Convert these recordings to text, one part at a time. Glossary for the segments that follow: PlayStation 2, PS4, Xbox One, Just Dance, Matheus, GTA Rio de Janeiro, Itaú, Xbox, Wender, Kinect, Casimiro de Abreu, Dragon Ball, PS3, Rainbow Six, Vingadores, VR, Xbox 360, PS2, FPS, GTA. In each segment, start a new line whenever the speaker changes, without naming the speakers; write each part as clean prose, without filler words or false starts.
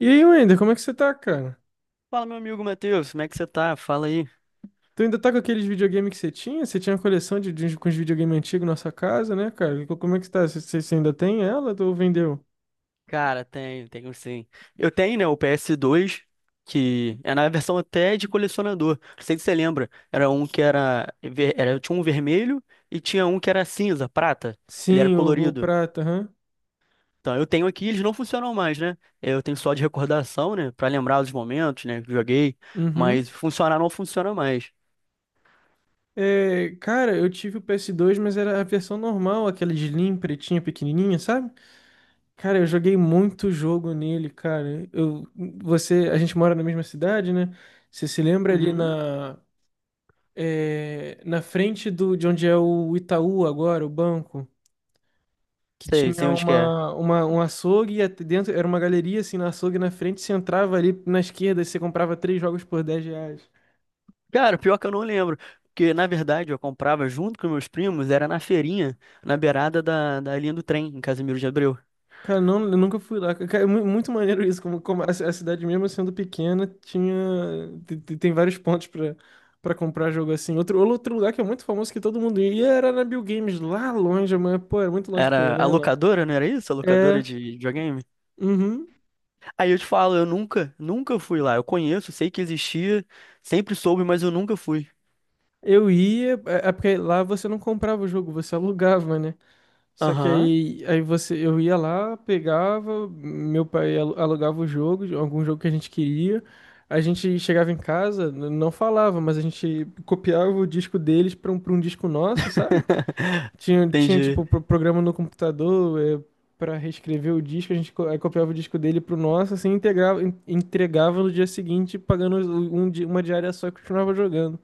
E aí, Wender, como é que você tá, cara?
Fala, meu amigo Matheus, como é que você tá? Fala aí.
Tu ainda tá com aqueles videogames que você tinha? Você tinha uma coleção de com os videogame antigos na sua casa, né, cara? Como é que você tá? Você ainda tem ela ou vendeu?
Cara, tenho sim. Eu tenho, né, o PS2, que é na versão até de colecionador. Não sei se você lembra. Era um que era. Tinha um vermelho e tinha um que era cinza, prata. Ele era
Sim, o
colorido.
prata, aham.
Então, eu tenho aqui, eles não funcionam mais, né? Eu tenho só de recordação, né, pra lembrar os momentos, né, que joguei.
Uhum.
Mas funcionar não funciona mais.
É, cara, eu tive o PS2, mas era a versão normal, aquela de Slim, pretinha, pequenininha, sabe? Cara, eu joguei muito jogo nele, cara. Você, a gente mora na mesma cidade, né? Você se lembra ali
Uhum.
na frente do, de onde é o Itaú agora, o banco? Que
Sei,
tinha
sei onde que é.
um açougue dentro era uma galeria assim no açougue na frente, você entrava ali na esquerda e você comprava três jogos por R$ 10.
Cara, pior que eu não lembro. Porque, na verdade, eu comprava junto com meus primos, era na feirinha, na beirada da linha do trem, em Casimiro de Abreu.
Cara, não, eu nunca fui lá. Cara, é muito maneiro isso, como a cidade mesmo sendo pequena tinha tem vários pontos para comprar jogo assim. Outro lugar que é muito famoso que todo mundo ia era na Bill Games lá longe, mas pô, era muito longe pra eu, ir, eu
Era
não
a
ia não.
locadora, não era isso? A
É,
locadora de videogame?
uhum.
Aí eu te falo, eu nunca, nunca fui lá. Eu conheço, sei que existia, sempre soube, mas eu nunca fui.
Eu ia, é porque lá você não comprava o jogo, você alugava, né? Só que
Aham.
aí eu ia lá, pegava, meu pai alugava o jogo, algum jogo que a gente queria. A gente chegava em casa, não falava, mas a gente copiava o disco deles para um disco nosso, sabe? Tinha, tinha
Entendi.
tipo, programa no computador, para reescrever o disco, a gente aí copiava o disco dele pro nosso, assim, integrava, entregava no dia seguinte, pagando uma diária só e continuava jogando.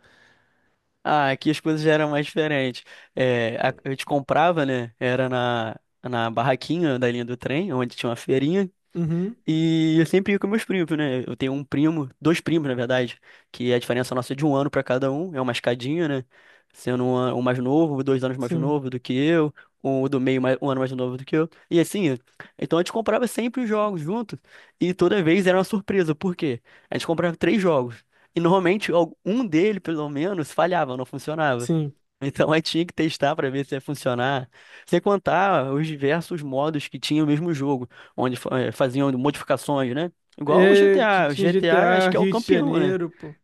Ah, aqui as coisas já eram mais diferentes. É, a gente comprava, né? Era na, na barraquinha da linha do trem, onde tinha uma feirinha.
Uhum,
E eu sempre ia com meus primos, né? Eu tenho um primo, dois primos, na verdade, que a diferença nossa é de um ano pra cada um, é uma escadinha, né? Sendo um mais novo, dois anos mais
sim,
novo do que eu, um do meio mais, um ano mais novo do que eu. E assim, então a gente comprava sempre os jogos juntos, e toda vez era uma surpresa, por quê? A gente comprava três jogos, e normalmente um dele, pelo menos, falhava, não funcionava.
sim.
Então aí tinha que testar para ver se ia funcionar. Sem contar os diversos modos que tinha o mesmo jogo, onde faziam modificações, né? Igual o
É,
GTA. O
tinha
GTA acho
GTA
que é o
Rio de
campeão, né?
Janeiro, pô.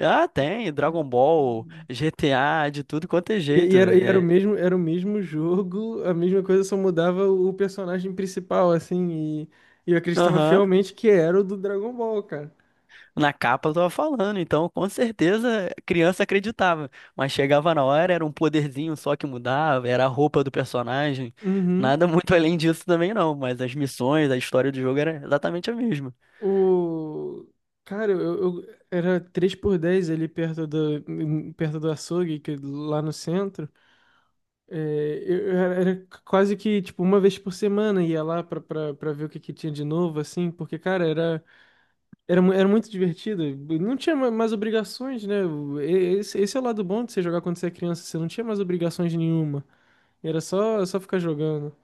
Ah, tem Dragon Ball, GTA, de tudo quanto é
E, e
jeito.
era, e era o
É.
mesmo, era o mesmo jogo, a mesma coisa, só mudava o personagem principal, assim, e eu acreditava
Aham.
fielmente que era o do Dragon Ball, cara.
Na capa eu tava falando, então com certeza a criança acreditava. Mas chegava na hora, era um poderzinho só que mudava, era a roupa do personagem.
Uhum.
Nada muito além disso também não, mas as missões, a história do jogo era exatamente a mesma.
O... Cara, era três por dez, ali perto do açougue, que, lá no centro. É, eu era era quase que, tipo, uma vez por semana ia lá pra ver o que tinha de novo, assim, porque, cara, era muito divertido. Não tinha mais obrigações, né? Esse é o lado bom de você jogar quando você é criança. Você não tinha mais obrigações nenhuma. Era só ficar jogando.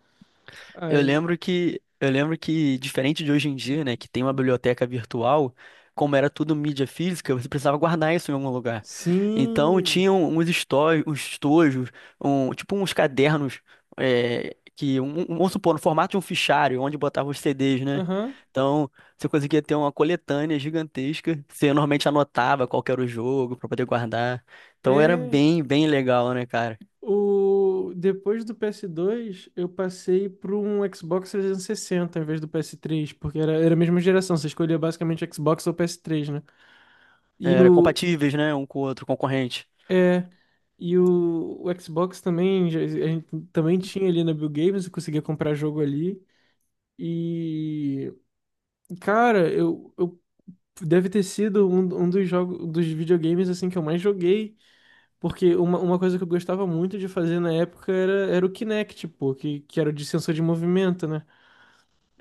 Eu
Aí,
lembro que, eu lembro que, diferente de hoje em dia, né, que tem uma biblioteca virtual, como era tudo mídia física, você precisava guardar isso em algum lugar. Então,
sim.
tinham uns estojos, um, tipo uns cadernos, é, que, vamos supor, no formato de um fichário, onde botava os CDs, né?
Aham.
Então, você conseguia ter uma coletânea gigantesca, você normalmente anotava qual que era o jogo para poder guardar. Então, era
É.
bem, bem legal, né, cara?
Depois do PS2, eu passei para um Xbox 360 em vez do PS3, porque era a mesma geração. Você escolhia basicamente Xbox ou PS3, né? E
Era
o.
compatíveis, né? Um com o outro, concorrente.
É. E o Xbox também, a gente também tinha ali na Bill Games, eu conseguia comprar jogo ali. E, cara, eu deve ter sido um dos jogos, dos videogames assim que eu mais joguei, porque uma coisa que eu gostava muito de fazer na época era o Kinect, pô, que era o de sensor de movimento, né?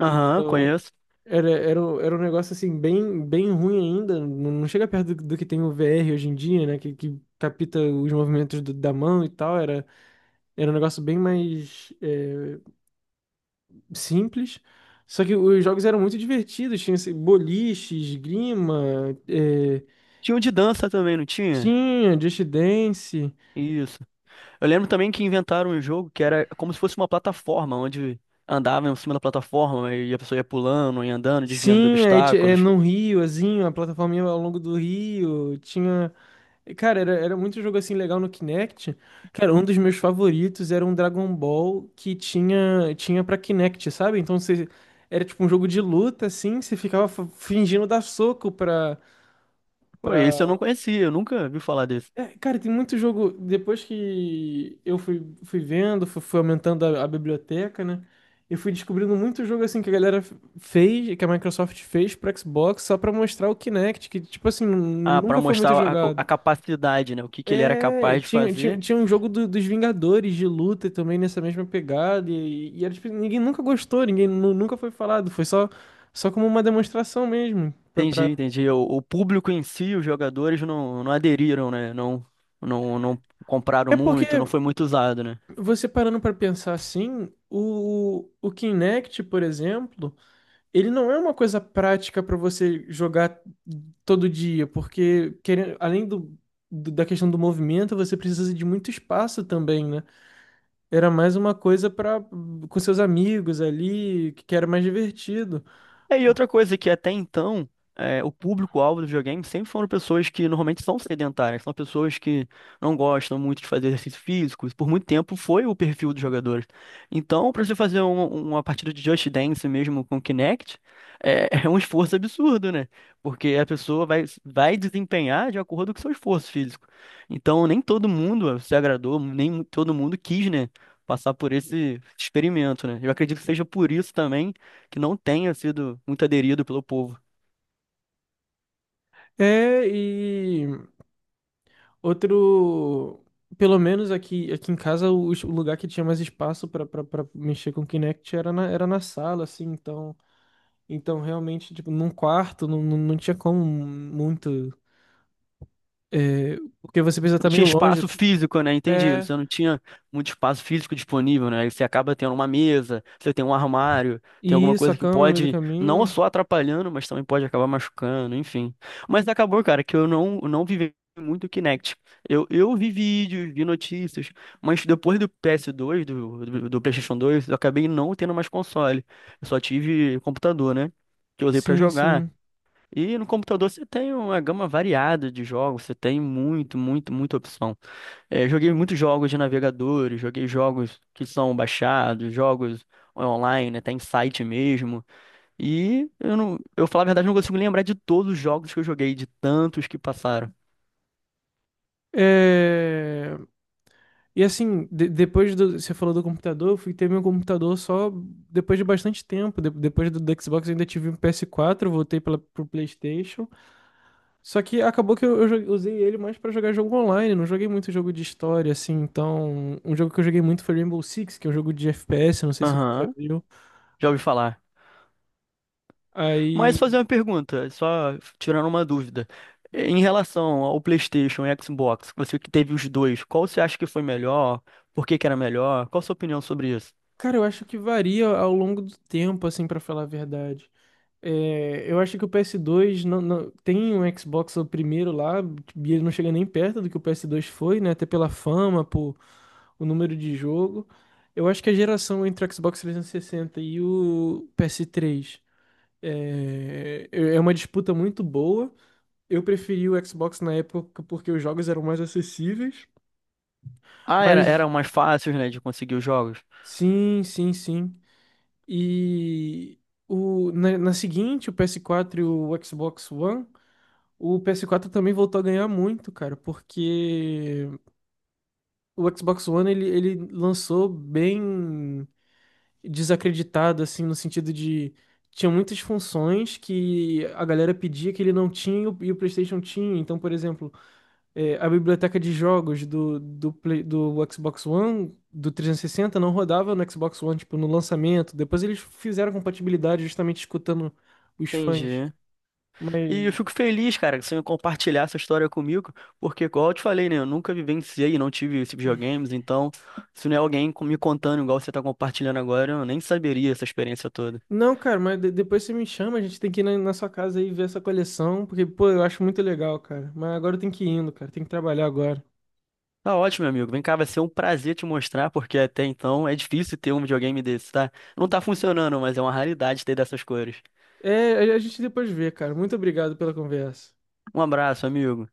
Aham,
Então,
conheço.
era um negócio assim bem ruim ainda, não chega perto do que tem o VR hoje em dia, né? Que, capta os movimentos da mão e tal, era um negócio bem mais simples. Só que os jogos eram muito divertidos, tinha esse boliche, esgrima,
Tinha um de dança também, não tinha?
tinha Just Dance,
Isso. Eu lembro também que inventaram um jogo que era como se fosse uma plataforma, onde andava em cima da plataforma e a pessoa ia pulando ia andando, desviando de
sim, aí
obstáculos.
no Rio, azinho, a plataforma ao longo do Rio, tinha. Cara, era muito jogo, assim, legal no Kinect. Cara, um dos meus favoritos era um Dragon Ball que tinha pra Kinect, sabe? Era tipo um jogo de luta, assim, você ficava fingindo dar soco
Pô, isso. Eu não
pra,
conhecia, eu nunca vi falar desse.
É, cara, tem muito jogo. Depois que eu fui vendo, fui aumentando a biblioteca, né? Eu fui descobrindo muito jogo assim que a galera fez, que a Microsoft fez pro Xbox só pra mostrar o Kinect, que, tipo assim,
Ah,
nunca
pra
foi muito
mostrar
jogado.
a capacidade, né? O que que ele era
É,
capaz de
tinha, tinha,
fazer.
tinha um jogo dos Vingadores de luta também nessa mesma pegada, e, era, tipo, ninguém nunca gostou, ninguém nunca foi falado, foi só como uma demonstração mesmo.
Entendi, entendi. O público em si, os jogadores não, não aderiram, né? Não, não, não compraram
É porque
muito, não foi muito usado, né?
você parando para pensar assim, o Kinect, por exemplo, ele não é uma coisa prática para você jogar todo dia, porque querendo, além da questão do movimento, você precisa de muito espaço também, né? Era mais uma coisa para com seus amigos ali, que era mais divertido.
É, e outra coisa que até então, é, o público-alvo do videogame sempre foram pessoas que normalmente são sedentárias, são pessoas que não gostam muito de fazer exercício físico, isso por muito tempo foi o perfil dos jogadores. Então, para você fazer uma partida de Just Dance mesmo com Kinect, é, é um esforço absurdo, né? Porque a pessoa vai, vai desempenhar de acordo com o seu esforço físico. Então, nem todo mundo se agradou, nem todo mundo quis, né? Passar por esse experimento, né? Eu acredito que seja por isso também que não tenha sido muito aderido pelo povo.
É, e outro pelo menos aqui, aqui em casa, o lugar que tinha mais espaço para mexer com o Kinect era era na sala, assim, então. Então, realmente, tipo, num quarto não tinha como muito. É, porque você precisa
Não
estar
tinha
meio longe.
espaço físico, né? Entendi.
É.
Você não tinha muito espaço físico disponível, né? Aí você acaba tendo uma mesa, você tem um armário, tem
E
alguma
isso, a
coisa que
cama no meio do
pode não
caminho.
só atrapalhando, mas também pode acabar machucando, enfim. Mas acabou, cara, que eu não, não vivi muito o Kinect. Eu vi vídeos, vi notícias, mas depois do PS2, do PlayStation 2, eu acabei não tendo mais console. Eu só tive computador, né? Que eu usei pra
Sim,
jogar.
sim.
E no computador você tem uma gama variada de jogos, você tem muito, muito, muita opção. É, joguei muitos jogos de navegadores, joguei jogos que são baixados, jogos online, né, tem site mesmo. E eu não, eu falar a verdade, não consigo lembrar de todos os jogos que eu joguei, de tantos que passaram.
É, e assim, de- depois do. Você falou do computador, eu fui ter meu computador só depois de bastante tempo. Depois do Xbox, eu ainda tive um PS4, voltei pro PlayStation. Só que acabou que usei ele mais pra jogar jogo online, não joguei muito jogo de história, assim, então. Um jogo que eu joguei muito foi Rainbow Six, que é um jogo de FPS, não sei se você já
Aham,
viu.
já ouvi falar. Mas
Aí,
fazer uma pergunta, só tirando uma dúvida. Em relação ao PlayStation e Xbox, você que teve os dois, qual você acha que foi melhor? Por que que era melhor? Qual a sua opinião sobre isso?
cara, eu acho que varia ao longo do tempo, assim, pra falar a verdade. É, eu acho que o PS2 tem um Xbox o primeiro lá, e ele não chega nem perto do que o PS2 foi, né? Até pela fama, por o número de jogo. Eu acho que a geração entre o Xbox 360 e sessenta e o PS3 é uma disputa muito boa. Eu preferi o Xbox na época porque os jogos eram mais acessíveis.
Ah, era,
Mas
eram mais fáceis, né, de conseguir os jogos.
sim, sim, sim. E na seguinte, o PS4 e o Xbox One, o PS4 também voltou a ganhar muito, cara, porque o Xbox One ele lançou bem desacreditado, assim, no sentido de. Tinha muitas funções que a galera pedia que ele não tinha e o PlayStation tinha. Então, por exemplo, a biblioteca de jogos do Xbox One, do 360, não rodava no Xbox One, tipo, no lançamento. Depois eles fizeram compatibilidade justamente escutando os fãs.
Entendi. E eu
Mas.
fico feliz, cara, que você compartilhar essa história comigo, porque, igual eu te falei, né, eu nunca vivenciei e não tive esses videogames, então, se não é alguém me contando igual você tá compartilhando agora, eu nem saberia essa experiência toda.
Não, cara, mas depois você me chama, a gente tem que ir na sua casa aí ver essa coleção, porque, pô, eu acho muito legal, cara. Mas agora eu tenho que ir indo, cara, tem que trabalhar agora.
Tá ótimo, meu amigo. Vem cá, vai ser um prazer te mostrar, porque até então é difícil ter um videogame desse, tá? Não tá funcionando, mas é uma raridade ter dessas cores.
É, a gente depois vê, cara. Muito obrigado pela conversa.
Um abraço, amigo.